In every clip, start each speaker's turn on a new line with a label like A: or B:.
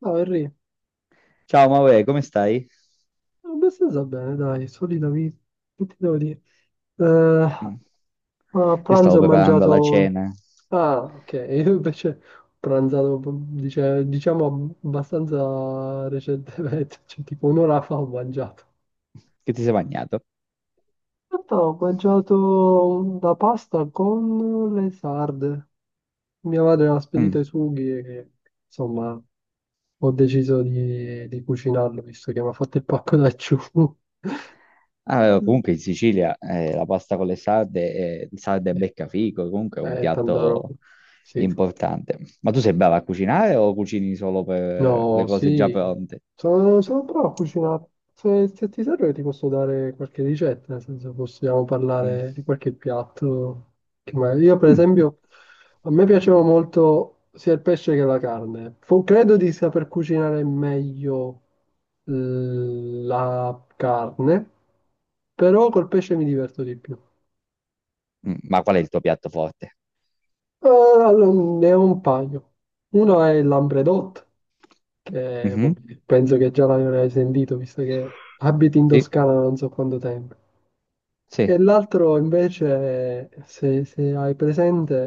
A: No, Henry,
B: Ciao Maure, come stai?
A: abbastanza bene, dai, solita vita. Che ti devo dire? Eh,
B: Mm.
A: A
B: Io
A: pranzo
B: stavo
A: ho
B: preparando la
A: mangiato.
B: cena.
A: Ah, ok, io invece ho pranzato, diciamo, abbastanza recentemente, cioè tipo un'ora fa ho mangiato.
B: Che ti sei bagnato?
A: In realtà ho mangiato la pasta con le sarde. Mia madre mi ha spedito
B: Mm.
A: i sughi e insomma ho deciso di cucinarlo visto che mi ha fatto il pacco da ciù.
B: Ah, comunque in Sicilia, la pasta con le sarde, sarde e beccafico, comunque è un
A: Tanta roba.
B: piatto
A: Sì,
B: importante. Ma tu sei brava a cucinare o cucini solo per le
A: no,
B: cose già
A: sì,
B: pronte?
A: sono bravo a cucinare. Se ti serve ti posso dare qualche ricetta, nel senso possiamo
B: Mm.
A: parlare di qualche piatto. Io per
B: Mm.
A: esempio, a me piaceva molto sia il pesce che la carne. Credo di saper cucinare meglio la carne, però col pesce mi diverto di più.
B: Mm. Ma qual è il tuo piatto forte?
A: Allora, ne ho un paio. Uno è il lambredotto che boh,
B: Mhm.
A: penso che già l'avrai sentito, visto che abiti in
B: Sì,
A: Toscana da non so quanto tempo.
B: sì.
A: E l'altro invece, se hai presente,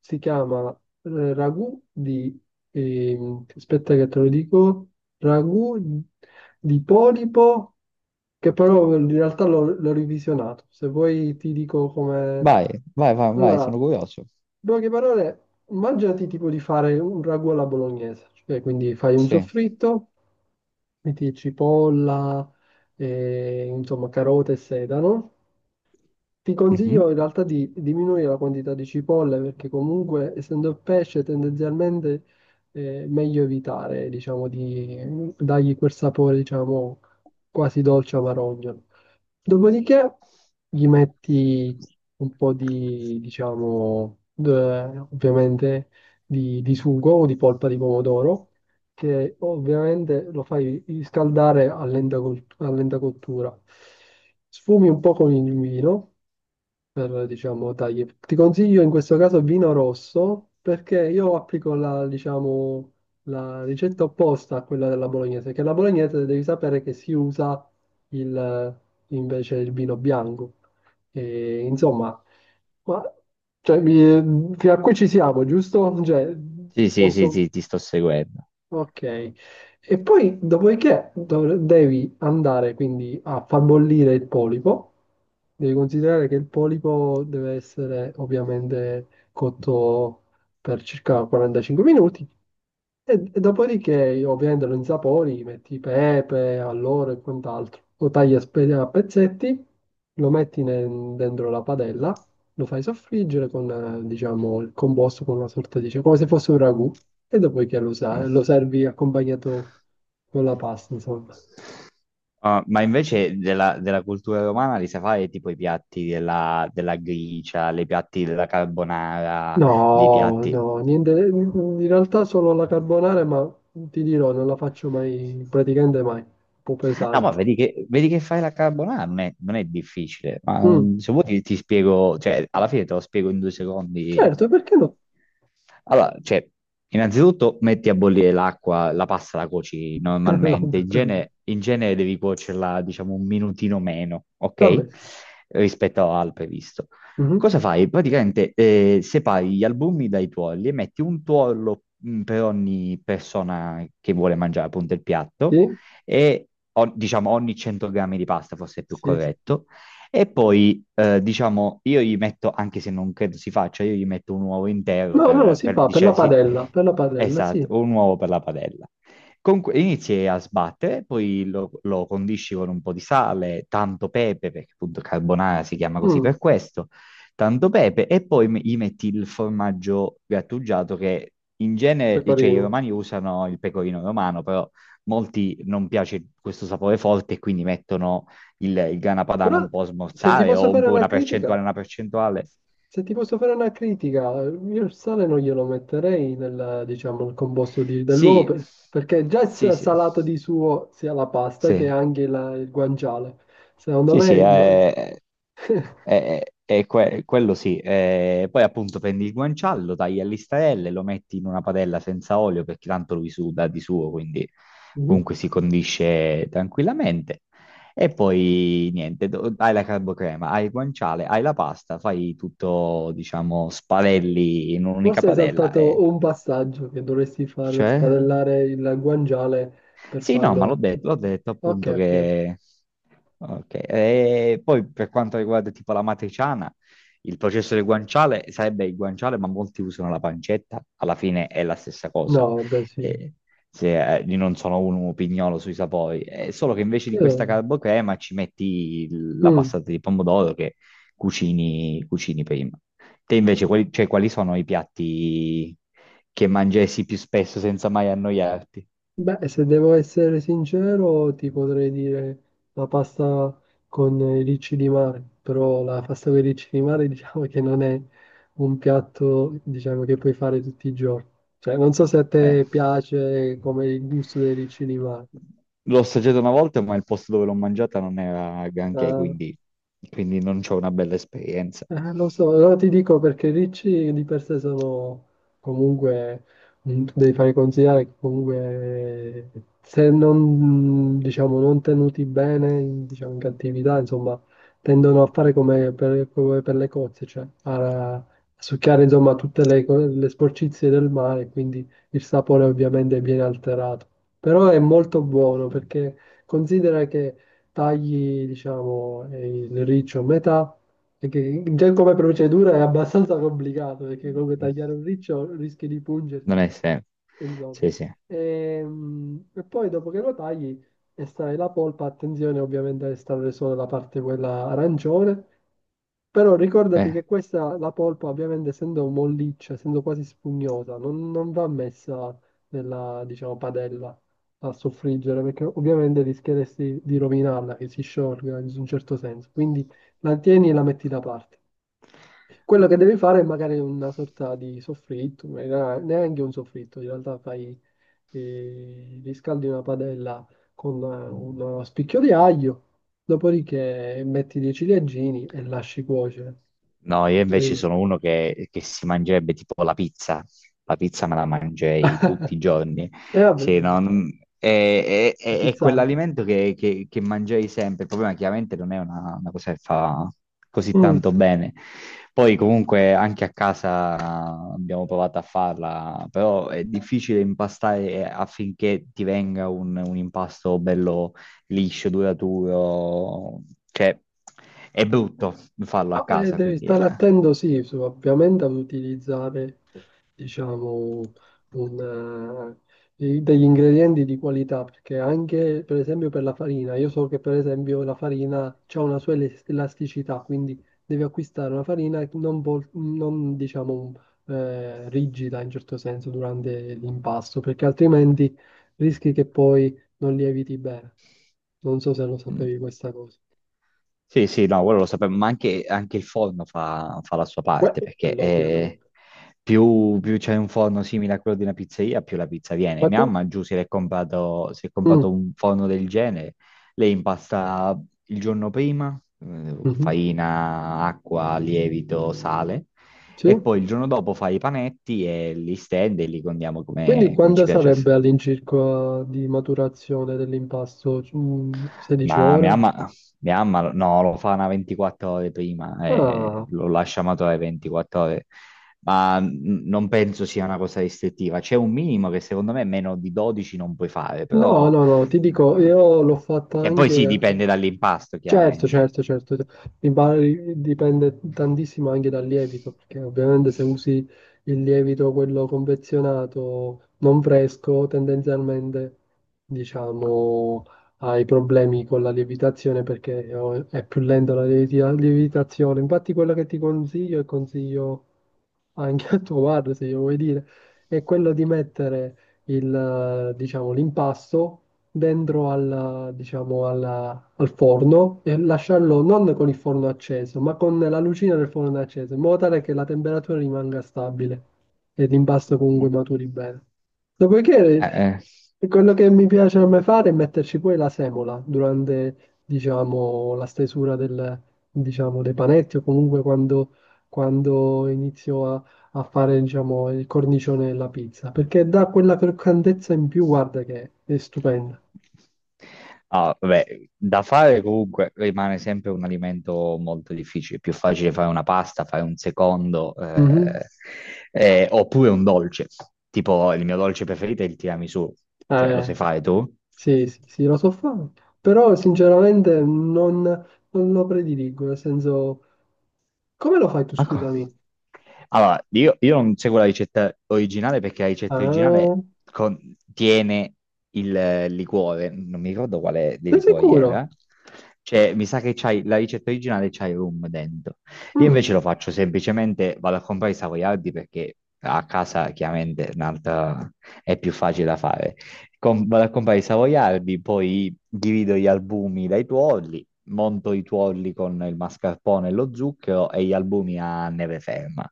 A: si chiama ragù di, aspetta che te lo dico, ragù di polipo, che però in realtà l'ho revisionato. Se vuoi ti dico come.
B: Vai, vai, vai, vai,
A: Allora,
B: sono curioso.
A: in poche parole, immaginati tipo di fare un ragù alla bolognese, cioè quindi fai un
B: Sì.
A: soffritto, metti cipolla, e, insomma, carote e sedano, ti
B: Mhm.
A: consiglio in realtà di diminuire la quantità di cipolle perché comunque essendo pesce tendenzialmente è meglio evitare, diciamo, di dargli quel sapore, diciamo, quasi dolce amarognolo. Dopodiché gli metti un po' di, diciamo, ovviamente di sugo o di polpa di pomodoro che ovviamente lo fai riscaldare a lenta, a lenta cottura. Sfumi un po' con il vino per, diciamo, tagli. Ti consiglio in questo caso vino rosso perché io applico la, diciamo, la ricetta opposta a quella della bolognese, che la bolognese devi sapere che si usa il, invece il vino bianco. E, insomma, ma, cioè, fino a qui ci siamo, giusto? Cioè,
B: Sì, sì, sì,
A: posso.
B: sì, ti sto seguendo.
A: Ok, e poi dopodiché devi andare quindi a far bollire il polipo. Devi considerare che il polipo deve essere ovviamente cotto per circa 45 minuti e dopodiché, io, ovviamente, lo insapori, metti pepe, alloro e quant'altro. Lo tagli a pezzetti, lo metti dentro la padella, lo fai soffriggere con, diciamo, il composto con una sorta di come se fosse un ragù, e dopodiché lo, sa-
B: Mm.
A: lo servi accompagnato con la pasta, insomma.
B: Ah, ma invece della, della cultura romana li sai fare tipo i piatti della, della gricia, i piatti della carbonara, dei
A: No,
B: piatti...
A: no, niente, in realtà solo la carbonara, ma ti dirò, non la faccio mai, praticamente mai, un po'
B: No, ma
A: pesante.
B: vedi che fai la carbonara, non è, non è difficile. Ma
A: Mm,
B: mm, se vuoi ti, ti spiego, cioè, alla fine te lo spiego in 2 secondi.
A: certo, perché no?
B: Allora, cioè, innanzitutto metti a bollire l'acqua, la pasta la cuoci normalmente. In genere devi cuocerla, diciamo, un minutino meno, ok?
A: Vabbè,
B: Rispetto al previsto.
A: mhm,
B: Cosa fai? Praticamente separi gli albumi dai tuorli e metti un tuorlo per ogni persona che vuole mangiare appunto il piatto
A: sì,
B: e o- diciamo ogni 100 grammi di pasta forse è più
A: sì, sì.
B: corretto. E poi, diciamo, io gli metto, anche se non credo si faccia, io gli metto un uovo intero
A: No, no, no, si
B: per
A: fa
B: dicere, sì,
A: per la padella,
B: esatto,
A: sì.
B: un uovo per la padella. Comunque inizi a sbattere, poi lo, lo condisci con un po' di sale, tanto pepe, perché appunto carbonara si chiama così per
A: Mm,
B: questo, tanto pepe, e poi me- gli metti il formaggio grattugiato che in genere, cioè i
A: pecorino.
B: romani usano il pecorino romano, però molti non piace questo sapore forte e quindi mettono il grana padano
A: Però
B: un po' a
A: se ti
B: smorzare
A: posso
B: o un
A: fare
B: po'
A: una
B: una
A: critica,
B: percentuale, una percentuale.
A: se ti posso fare una critica, io il sale non glielo metterei nel, diciamo, nel composto dell'uovo,
B: Sì,
A: perché già è
B: sì, sì,
A: salato di suo sia la pasta
B: sì.
A: che anche il guanciale. Secondo
B: Sì, sì,
A: me
B: è que- quello sì. Poi appunto prendi il guanciale, tagli a listarelle, lo metti in una padella senza olio perché tanto lui suda di suo, quindi
A: Mhm.
B: comunque si condisce tranquillamente. E poi niente, do- hai la carbocrema, hai il guanciale, hai la pasta, fai tutto, diciamo, spalelli in un'unica
A: Forse hai
B: padella
A: saltato
B: e...
A: un passaggio che dovresti far
B: Cioè?
A: spadellare il guanciale per
B: Sì, no, ma
A: farlo.
B: l'ho detto
A: Ok,
B: appunto
A: ok.
B: che... Ok, e poi per quanto riguarda tipo la matriciana, il processo del guanciale sarebbe il guanciale, ma molti usano la pancetta, alla fine è la stessa cosa.
A: No, beh, sì.
B: Eh, se, io non sono un pignolo sui sapori, è solo che invece di questa
A: Io-
B: carbocrema ci metti il- la
A: mm.
B: passata di pomodoro che cucini, cucini prima. Te invece, quali, cioè, quali sono i piatti che mangessi più spesso senza mai annoiarti?
A: Beh, se devo essere sincero, ti potrei dire la pasta con i ricci di mare, però la pasta con i ricci di mare diciamo che non è un piatto, diciamo, che puoi fare tutti i giorni. Cioè, non so se a
B: Eh.
A: te piace come il gusto dei ricci di mare.
B: L'ho assaggiata una volta, ma il posto dove l'ho mangiata non era granché,
A: Ah.
B: quindi, quindi non c'ho una bella esperienza.
A: Lo so, allora ti dico perché i ricci di per sé sono comunque, tu devi fare considerare che comunque se non, diciamo, non tenuti bene, in, diciamo, in cattività, insomma, tendono a fare come per le cozze, cioè a succhiare, insomma, tutte le sporcizie del mare, quindi il sapore ovviamente viene alterato. Però è molto buono perché considera che tagli, diciamo, il riccio a metà, perché già come procedura è abbastanza complicato, perché comunque
B: Mm.
A: tagliare un riccio rischi di
B: Non
A: pungerti
B: è sempre.
A: insomma.
B: Sì, sì.
A: E, poi dopo che lo tagli, estrai la polpa, attenzione ovviamente a estrarre solo la parte quella arancione, però ricordati
B: Eh.
A: che questa, la polpa ovviamente essendo molliccia, essendo quasi spugnosa, non va messa nella, diciamo, padella a soffriggere, perché ovviamente rischieresti di rovinarla, che si sciolga in un certo senso, quindi la tieni e la metti da parte. Quello che devi fare è magari una sorta di soffritto, ma neanche un soffritto, in realtà fai e riscaldi una padella con uno spicchio di aglio, dopodiché metti dei ciliegini e lasci cuocere.
B: No,
A: E
B: io invece
A: poi.
B: sono uno che si mangerebbe tipo la pizza. La pizza me la mangerei tutti i giorni.
A: E vabbè,
B: Sì, no, non- è
A: pizzata.
B: quell'alimento che mangerei sempre. Il problema chiaramente non è una cosa che fa così tanto bene. Poi comunque anche a casa abbiamo provato a farla, però è difficile impastare affinché ti venga un impasto liscio, duraturo, cioè è brutto farlo a
A: No,
B: casa,
A: devi
B: quindi
A: stare attento, sì, ovviamente ad utilizzare, diciamo, un, degli ingredienti di qualità, perché anche, per esempio, per la farina, io so che, per esempio, la farina ha una sua elasticità, quindi devi acquistare una farina non, diciamo, rigida in certo senso durante l'impasto, perché altrimenti rischi che poi non lieviti bene. Non so se lo
B: mm,
A: sapevi questa cosa.
B: sì, sì, no, quello lo sapevo, ma anche, anche il forno fa, fa la sua
A: Beh,
B: parte, perché
A: quello ovviamente.
B: più, più c'è un forno simile a quello di una pizzeria, più la pizza viene.
A: Ma tu?
B: Mia mamma giù si è comprato
A: Mm,
B: un forno del genere, lei impasta il giorno prima,
A: mhm,
B: farina, acqua, lievito, sale,
A: sì.
B: e poi il giorno dopo fa i panetti e li stende e li condiamo
A: Quindi
B: come, come ci
A: quando
B: piace.
A: sarebbe all'incirca di maturazione dell'impasto? 16
B: Ma
A: ore?
B: mia mamma no, lo fa una 24 ore prima e
A: Ah,
B: lo lascia maturare 24 ore, ma n- non penso sia una cosa restrittiva. C'è un minimo che secondo me meno di 12 non puoi fare,
A: no,
B: però...
A: no, no, ti dico,
B: eh,
A: io l'ho fatta
B: cioè, poi sì,
A: anche.
B: dipende dall'impasto,
A: Certo,
B: chiaramente.
A: certo, certo. Il bar dipende tantissimo anche dal lievito, perché ovviamente se usi il lievito, quello confezionato, non fresco, tendenzialmente, diciamo, hai problemi con la lievitazione perché è più lenta la lievitazione. Infatti quello che ti consiglio e consiglio anche a tuo padre, se io vuoi dire, è quello di mettere il, diciamo, l'impasto dentro al, diciamo, al forno e lasciarlo non con il forno acceso, ma con la lucina del forno acceso, in modo tale che la temperatura rimanga stabile e l'impasto comunque maturi bene. Dopodiché,
B: Eh.
A: quello che mi piace a me fare è metterci poi la semola durante, diciamo, la stesura del, diciamo, dei panetti o comunque quando, inizio a fare, diciamo, il cornicione della pizza, perché dà quella croccantezza in più, guarda che è stupenda.
B: Ah, vabbè, da fare comunque rimane sempre un alimento molto difficile. È più facile fare una pasta, fare un secondo,
A: Mhm.
B: oppure un dolce. Tipo, il mio dolce preferito è il tiramisù. Cioè, lo
A: Eh,
B: sai fare tu?
A: sì, sì, sì, lo so fare, però sinceramente non lo prediligo, nel senso, come lo fai tu,
B: Ma co-
A: scusami?
B: Allora, io non seguo la ricetta originale perché la ricetta
A: Ah,
B: originale contiene il liquore, non mi ricordo quale dei
A: sei
B: liquori
A: sicuro?
B: era. Cioè, mi sa che c'hai la ricetta originale c'hai rum dentro. Io
A: Mm,
B: invece lo faccio semplicemente, vado a comprare i savoiardi perché a casa chiaramente è un'altra è più facile da fare. Com- vado a comprare i savoiardi, poi divido gli albumi dai tuorli monto i tuorli con il mascarpone e lo zucchero e gli albumi a neve ferma.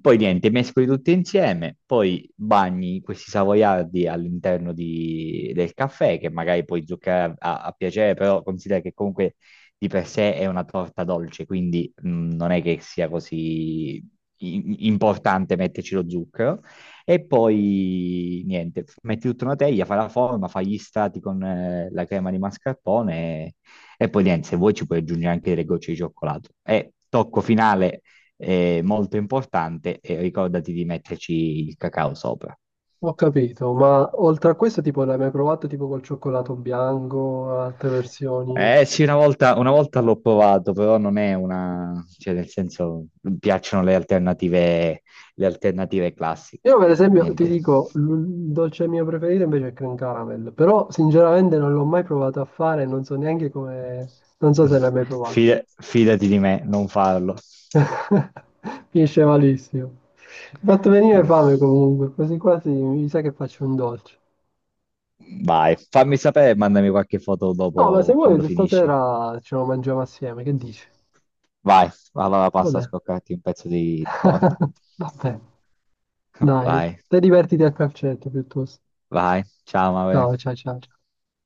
B: Poi niente, mescoli tutti insieme, poi bagni questi savoiardi all'interno di- del caffè, che magari puoi zuccherare a, a piacere, però considera che comunque di per sé è una torta dolce, quindi non è che sia così i- importante metterci lo zucchero. E poi niente, metti tutta una teglia, fa la forma, fa gli strati con la crema di mascarpone e poi niente, se vuoi ci puoi aggiungere anche delle gocce di cioccolato. E tocco finale molto importante, e ricordati di metterci il cacao sopra.
A: Ho capito, ma oltre a questo, tipo, l'hai mai provato tipo col cioccolato bianco, altre versioni?
B: Eh sì, una volta l'ho provato, però non è una... cioè nel senso, mi piacciono le alternative classiche.
A: Io per esempio ti
B: Niente.
A: dico, il dolce mio preferito invece è cream caramel, però sinceramente non l'ho mai provato a fare, non so neanche come, non so se l'hai mai provato.
B: Fida- fidati di me, non farlo.
A: Finisce malissimo. Mi ha fatto venire
B: Eh.
A: fame comunque, quasi quasi mi sa che faccio un dolce.
B: Vai, fammi sapere e mandami qualche foto
A: No, ma se
B: dopo
A: vuoi
B: quando finisci.
A: stasera ce lo mangiamo assieme, che dici?
B: Vai, allora
A: Va
B: passo a
A: bene.
B: scoccarti un pezzo di torta.
A: Va bene, dai,
B: Vai,
A: te divertiti a calcetto piuttosto.
B: vai, ciao, Maure.
A: Ciao, ciao, ciao.